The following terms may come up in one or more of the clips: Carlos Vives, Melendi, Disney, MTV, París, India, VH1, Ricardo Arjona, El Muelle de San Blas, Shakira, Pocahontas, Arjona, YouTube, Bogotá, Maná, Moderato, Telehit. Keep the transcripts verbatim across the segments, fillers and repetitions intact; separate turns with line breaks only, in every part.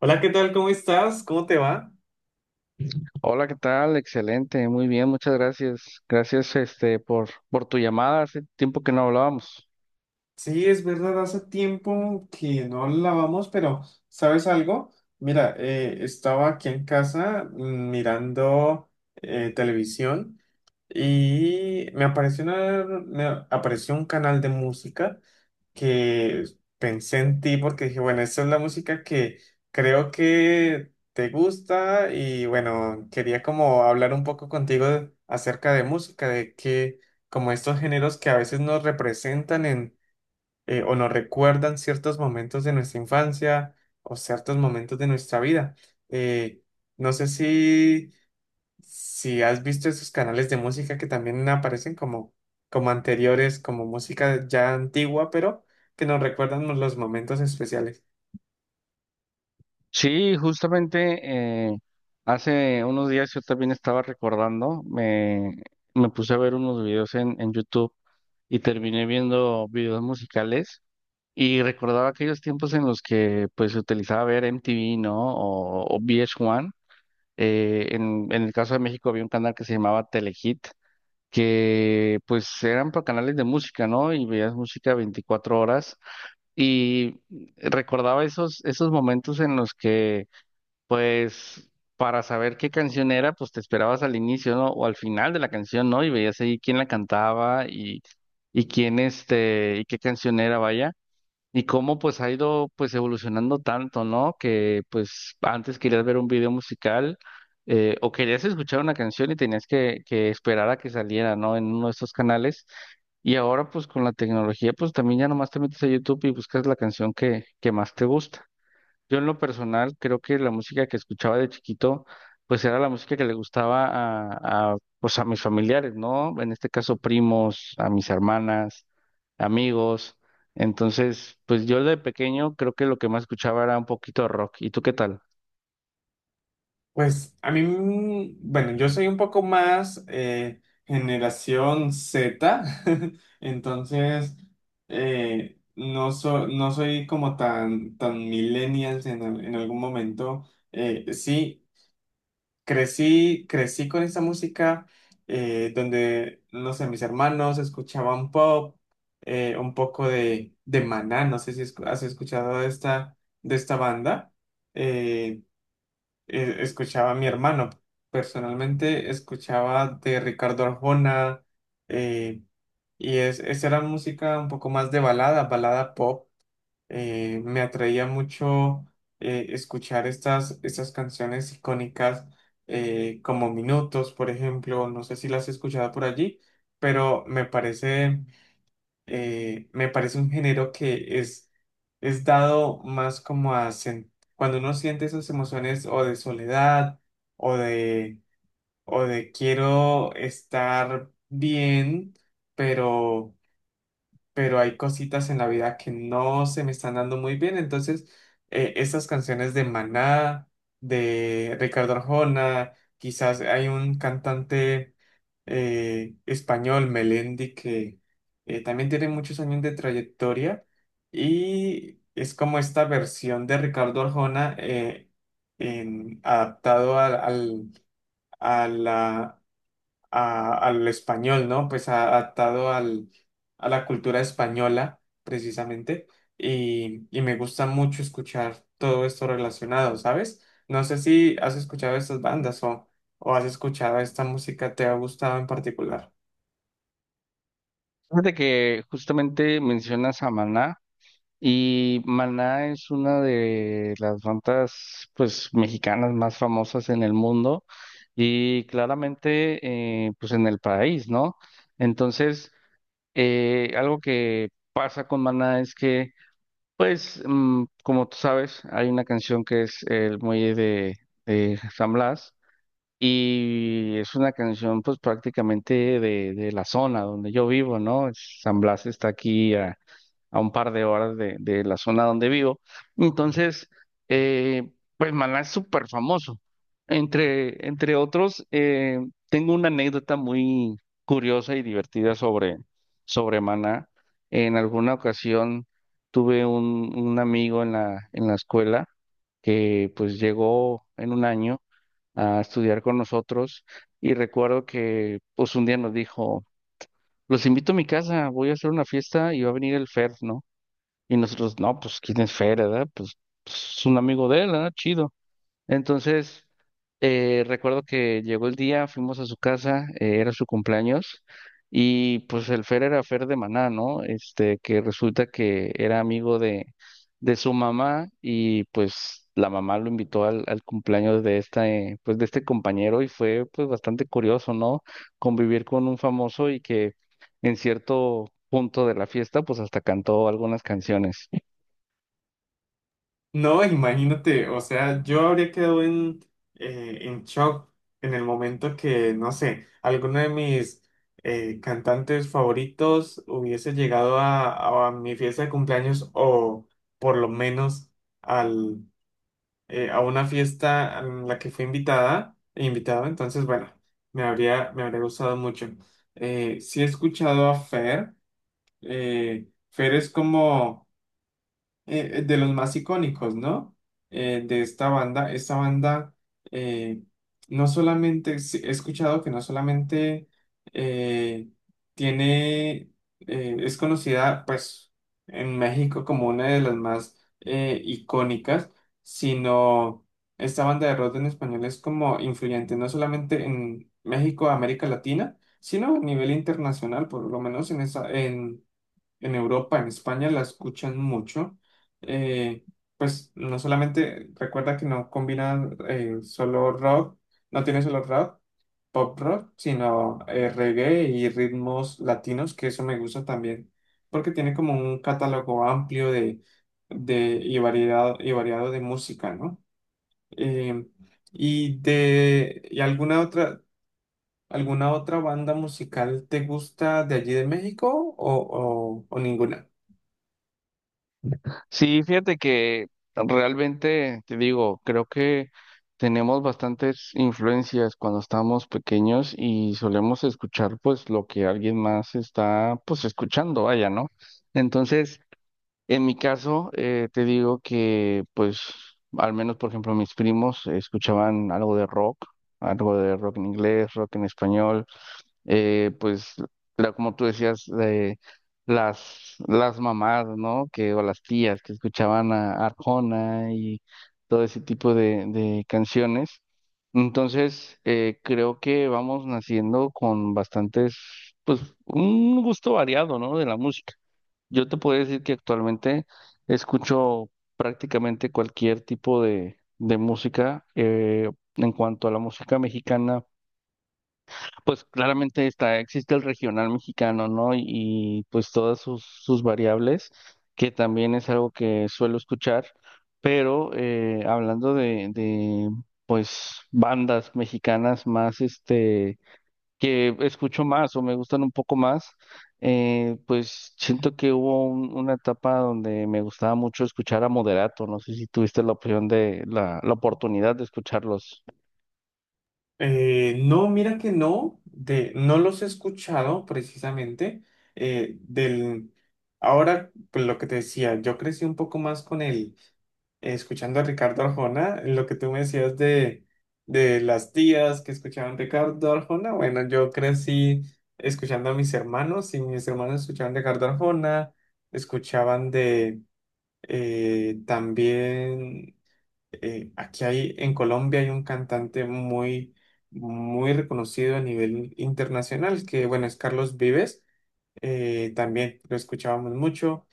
Hola, ¿qué tal? ¿Cómo estás? ¿Cómo te va?
Hola, ¿qué tal? Excelente, muy bien, muchas gracias. Gracias, este, por, por tu llamada. Hace tiempo que no hablábamos.
Sí, es verdad, hace tiempo que no lavamos, pero ¿sabes algo? Mira, eh, estaba aquí en casa mm, mirando eh, televisión y me apareció, una- me apareció un canal de música que pensé en ti porque dije, bueno, esta es la música que creo que te gusta y bueno, quería como hablar un poco contigo de- acerca de música, de que como estos géneros que a veces nos representan en eh, o nos recuerdan ciertos momentos de nuestra infancia o ciertos momentos de nuestra vida. Eh, no sé si si has visto esos canales de música que también aparecen como, como anteriores, como música ya antigua, pero que nos recuerdan los momentos especiales.
Sí, justamente eh, hace unos días yo también estaba recordando, me, me puse a ver unos videos en, en YouTube y terminé viendo videos musicales y recordaba aquellos tiempos en los que pues se utilizaba ver M T V, ¿no? O, o V H uno. Eh, en, en el caso de México había un canal que se llamaba Telehit que pues eran pa- canales de música, ¿no? Y veías música veinticuatro horas y recordaba esos, esos momentos en los que pues para saber qué canción era, pues te esperabas al inicio, ¿no? O al final de la canción, ¿no? Y veías ahí quién la cantaba y, y quién este, y qué canción era, vaya. Y cómo pues ha ido pues evolucionando tanto, ¿no? Que pues antes querías ver un video musical, eh, o querías escuchar una canción y tenías que, que esperar a que saliera, ¿no? En uno de estos canales. Y ahora pues con la tecnología pues también ya nomás te metes a YouTube y buscas la canción que, que más te gusta. Yo en lo personal creo que la música que escuchaba de chiquito, pues era la música que le gustaba a, a, pues a mis familiares, ¿no? En este caso primos, a mis hermanas, amigos. Entonces, pues yo de pequeño creo que lo que más escuchaba era un poquito de rock. ¿Y tú qué tal?
Pues a mí, mm, bueno, yo soy un poco más eh, generación Z, entonces eh, no, so- no soy como tan, tan millennials en, al- en algún momento. Eh, sí. Crecí, crecí con esa música eh, donde, no sé, mis hermanos escuchaban pop, eh, un poco de, de Maná, no sé si escu- has escuchado de esta, de esta banda. eh, eh, Escuchaba a mi hermano, personalmente escuchaba de Ricardo Arjona, eh, y es, esa era música un poco más de balada, balada pop. Eh, me atraía mucho eh, escuchar estas, estas canciones icónicas eh, como Minutos, por ejemplo, no sé si las he escuchado por allí, pero me parece, eh, me parece un género que es, es dado más como a sen- cuando uno siente esas emociones o de soledad o de, o de quiero estar bien, pero pero hay cositas en la vida que no se me están dando muy bien. Entonces, eh, estas canciones de Maná, de Ricardo Arjona, quizás hay un cantante eh, español, Melendi, que eh, también tiene muchos años de trayectoria y es como esta versión de Ricardo Arjona eh, en- adaptado al, al- a la- a- al español, ¿no? Pues a- adaptado al, a la cultura española, precisamente. Y, y me gusta mucho escuchar todo esto relacionado, ¿sabes? No sé si has escuchado estas bandas o, o has escuchado esta música, ¿te ha gustado en particular?
Fíjate que justamente mencionas a Maná. Y Maná es una de las bandas, pues, mexicanas más famosas en el mundo y claramente, eh, pues, en el país, ¿no? Entonces, eh, algo que pasa con Maná es que, pues, mm, como tú sabes, hay una canción que es El Muelle de, de San Blas y es una canción, pues, prácticamente de, de la zona donde yo vivo, ¿no? Es- San Blas está aquí a a un par de horas de, de la zona donde vivo. Entonces, eh, pues Maná es súper famoso. Entre, entre otros, eh, tengo una anécdota muy curiosa y divertida sobre, sobre Maná. En alguna ocasión tuve un, un amigo en la, en la escuela que pues llegó en un año a estudiar con nosotros y recuerdo que pues un día nos dijo, los invito a mi casa, voy a hacer una fiesta y va a venir el Fer, ¿no? Y nosotros, no, pues, ¿quién es Fer, verdad? Pues, pues, es un amigo de él, ¿verdad? Chido. Entonces, eh, recuerdo que llegó el día, fuimos a su casa, eh, era su cumpleaños, y pues el Fer era Fer de Maná, ¿no? Este, que resulta que era amigo de, de su mamá, y pues la mamá lo invitó al, al cumpleaños de esta, eh, pues de este compañero, y fue pues bastante curioso, ¿no? Convivir con un famoso y que en cierto punto de la fiesta, pues hasta cantó algunas canciones.
No, imagínate, o sea, yo habría quedado en, eh, en shock en el momento que, no sé, alguno de mis eh, cantantes favoritos hubiese llegado a, a mi fiesta de cumpleaños o por lo menos al, eh, a una fiesta en la que fui invitada, invitado, entonces, bueno, me habría, me habría gustado mucho. Eh, sí he escuchado a Fer, eh, Fer es como eh, de los más icónicos, ¿no? Eh, de esta banda. Esta banda, eh, no solamente, sí, he escuchado que no solamente eh, tiene, eh, es conocida, pues, en México como una de las más eh, icónicas, sino esta banda de rock en español es como influyente, no solamente en México, América Latina, sino a nivel internacional, por lo menos en esa, en Europa, en España, la escuchan mucho. Eh, pues no solamente, recuerda que no combina eh, solo rock, no tiene solo rock, pop rock, sino eh, reggae y ritmos latinos, que eso me gusta también, porque tiene como un catálogo amplio de, de y variedad, y variado de música, ¿no? Eh, y de, ¿Y alguna otra, alguna otra banda musical te gusta de allí de México o, o o ninguna?
Sí, fíjate que realmente, te digo, creo que tenemos bastantes influencias cuando estamos pequeños y solemos escuchar pues lo que alguien más está pues escuchando, vaya, ¿no? Entonces, en mi caso, eh, te digo que pues al menos, por ejemplo, mis primos escuchaban algo de rock, algo de rock en inglés, rock en español, eh, pues la- como tú decías, eh, las, las mamás, ¿no? Que, o las tías que escuchaban a Arjona y todo ese tipo de, de canciones. Entonces, eh, creo que vamos naciendo con bastantes, pues un gusto variado, ¿no? De la música. Yo te puedo decir que actualmente escucho prácticamente cualquier tipo de, de música. Eh, en cuanto a la música mexicana, pues claramente está, existe el regional mexicano, ¿no? Y, y, pues todas sus, sus variables, que también es algo que suelo escuchar, pero eh, hablando de, de, pues bandas mexicanas más, este, que escucho más o me gustan un poco más, eh, pues siento que hubo un- una etapa donde me gustaba mucho escuchar a Moderato, no sé si tuviste la opción de, la, la oportunidad de escucharlos.
Eh, no, mira que no, de, no los he escuchado precisamente. eh, del, Ahora, pues lo que te decía, yo crecí un poco más con el, escuchando a Ricardo Arjona, lo que tú me decías de, de las tías que escuchaban Ricardo Arjona. Bueno, yo crecí escuchando a mis hermanos y mis hermanos escuchaban Ricardo Arjona, escuchaban de eh, también eh, aquí hay, en Colombia hay un cantante muy, muy reconocido a nivel internacional, que bueno, es Carlos Vives, eh, también lo escuchábamos mucho,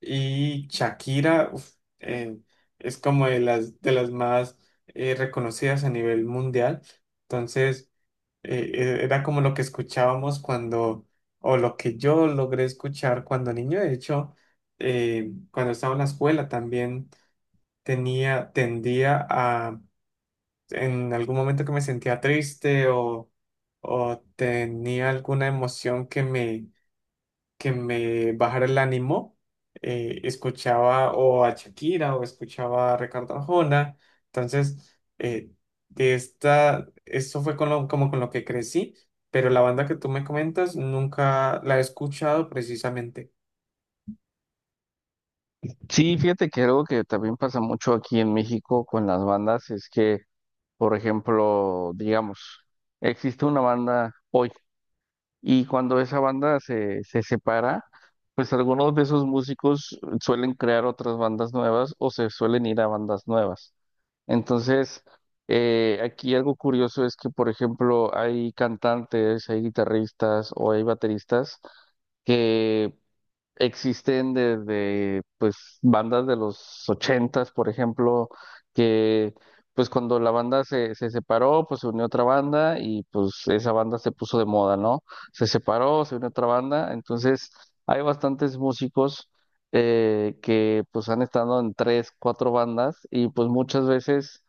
y Shakira, uf, eh, es como de las, de las más eh, reconocidas a nivel mundial. Entonces, eh, eh, era como lo que escuchábamos cuando, o lo que yo logré escuchar cuando niño. De hecho, eh, cuando estaba en la escuela también tenía, tendía a en algún momento que me sentía triste o, o tenía alguna emoción que me, que me bajara el ánimo, eh, escuchaba o a Shakira o escuchaba a Ricardo Arjona. Entonces, eh, de esta, eso fue con lo- como con lo que crecí, pero la banda que tú me comentas nunca la he escuchado precisamente.
Sí, fíjate que algo que también pasa mucho aquí en México con las bandas es que, por ejemplo, digamos, existe una banda hoy y cuando esa banda se, se separa, pues algunos de esos músicos suelen crear otras bandas nuevas o se suelen ir a bandas nuevas. Entonces, eh, aquí algo curioso es que, por ejemplo, hay cantantes, hay guitarristas o hay bateristas que existen desde pues bandas de los ochentas, por ejemplo, que pues cuando la banda se, se separó, pues se unió otra banda y pues esa banda se puso de moda, ¿no? Se separó, se unió otra banda, entonces hay bastantes músicos, eh, que pues han estado en tres, cuatro bandas y pues muchas veces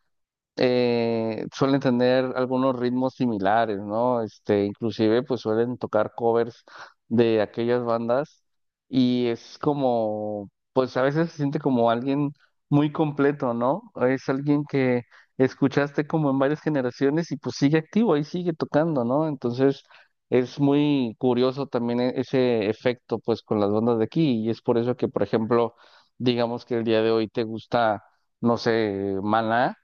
eh, suelen tener algunos ritmos similares, ¿no? Este, inclusive pues suelen tocar covers de aquellas bandas y es como, pues a veces se siente como alguien muy completo, ¿no? Es alguien que escuchaste como en varias generaciones y pues sigue activo, ahí sigue tocando, ¿no? Entonces es muy curioso también e- ese efecto pues con las bandas de aquí y es por eso que, por ejemplo, digamos que el día de hoy te gusta, no sé, Maná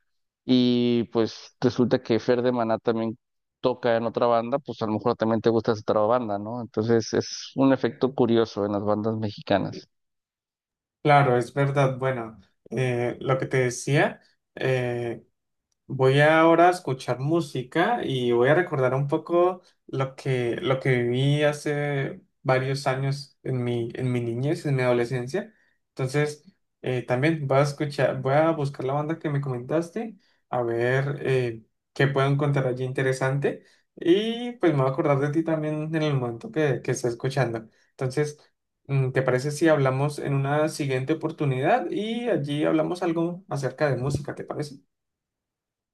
y pues resulta que Fer de Maná también toca en otra banda, pues a lo mejor también te gusta esa otra banda, ¿no? Entonces es un efecto curioso en las bandas mexicanas.
Claro, es verdad. Bueno, eh, lo que te decía. Eh, Voy ahora a escuchar música y voy a recordar un poco lo que, lo que viví hace varios años en mi, en mi niñez, en mi adolescencia. Entonces, eh, también voy a escuchar, voy a buscar la banda que me comentaste, a ver eh, qué puedo encontrar allí interesante. Y pues me voy a acordar de ti también en el momento que, que esté escuchando. Entonces, mm, ¿te parece si hablamos en una siguiente oportunidad y allí hablamos algo acerca de música? ¿Te parece?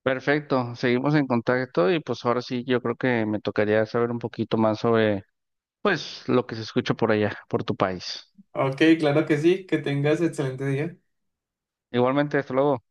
Perfecto, seguimos en contacto y pues ahora sí yo creo que me tocaría saber un poquito más sobre pues lo que se escucha por allá, por tu país.
Ok, claro que sí, que tengas excelente día.
Igualmente, hasta luego.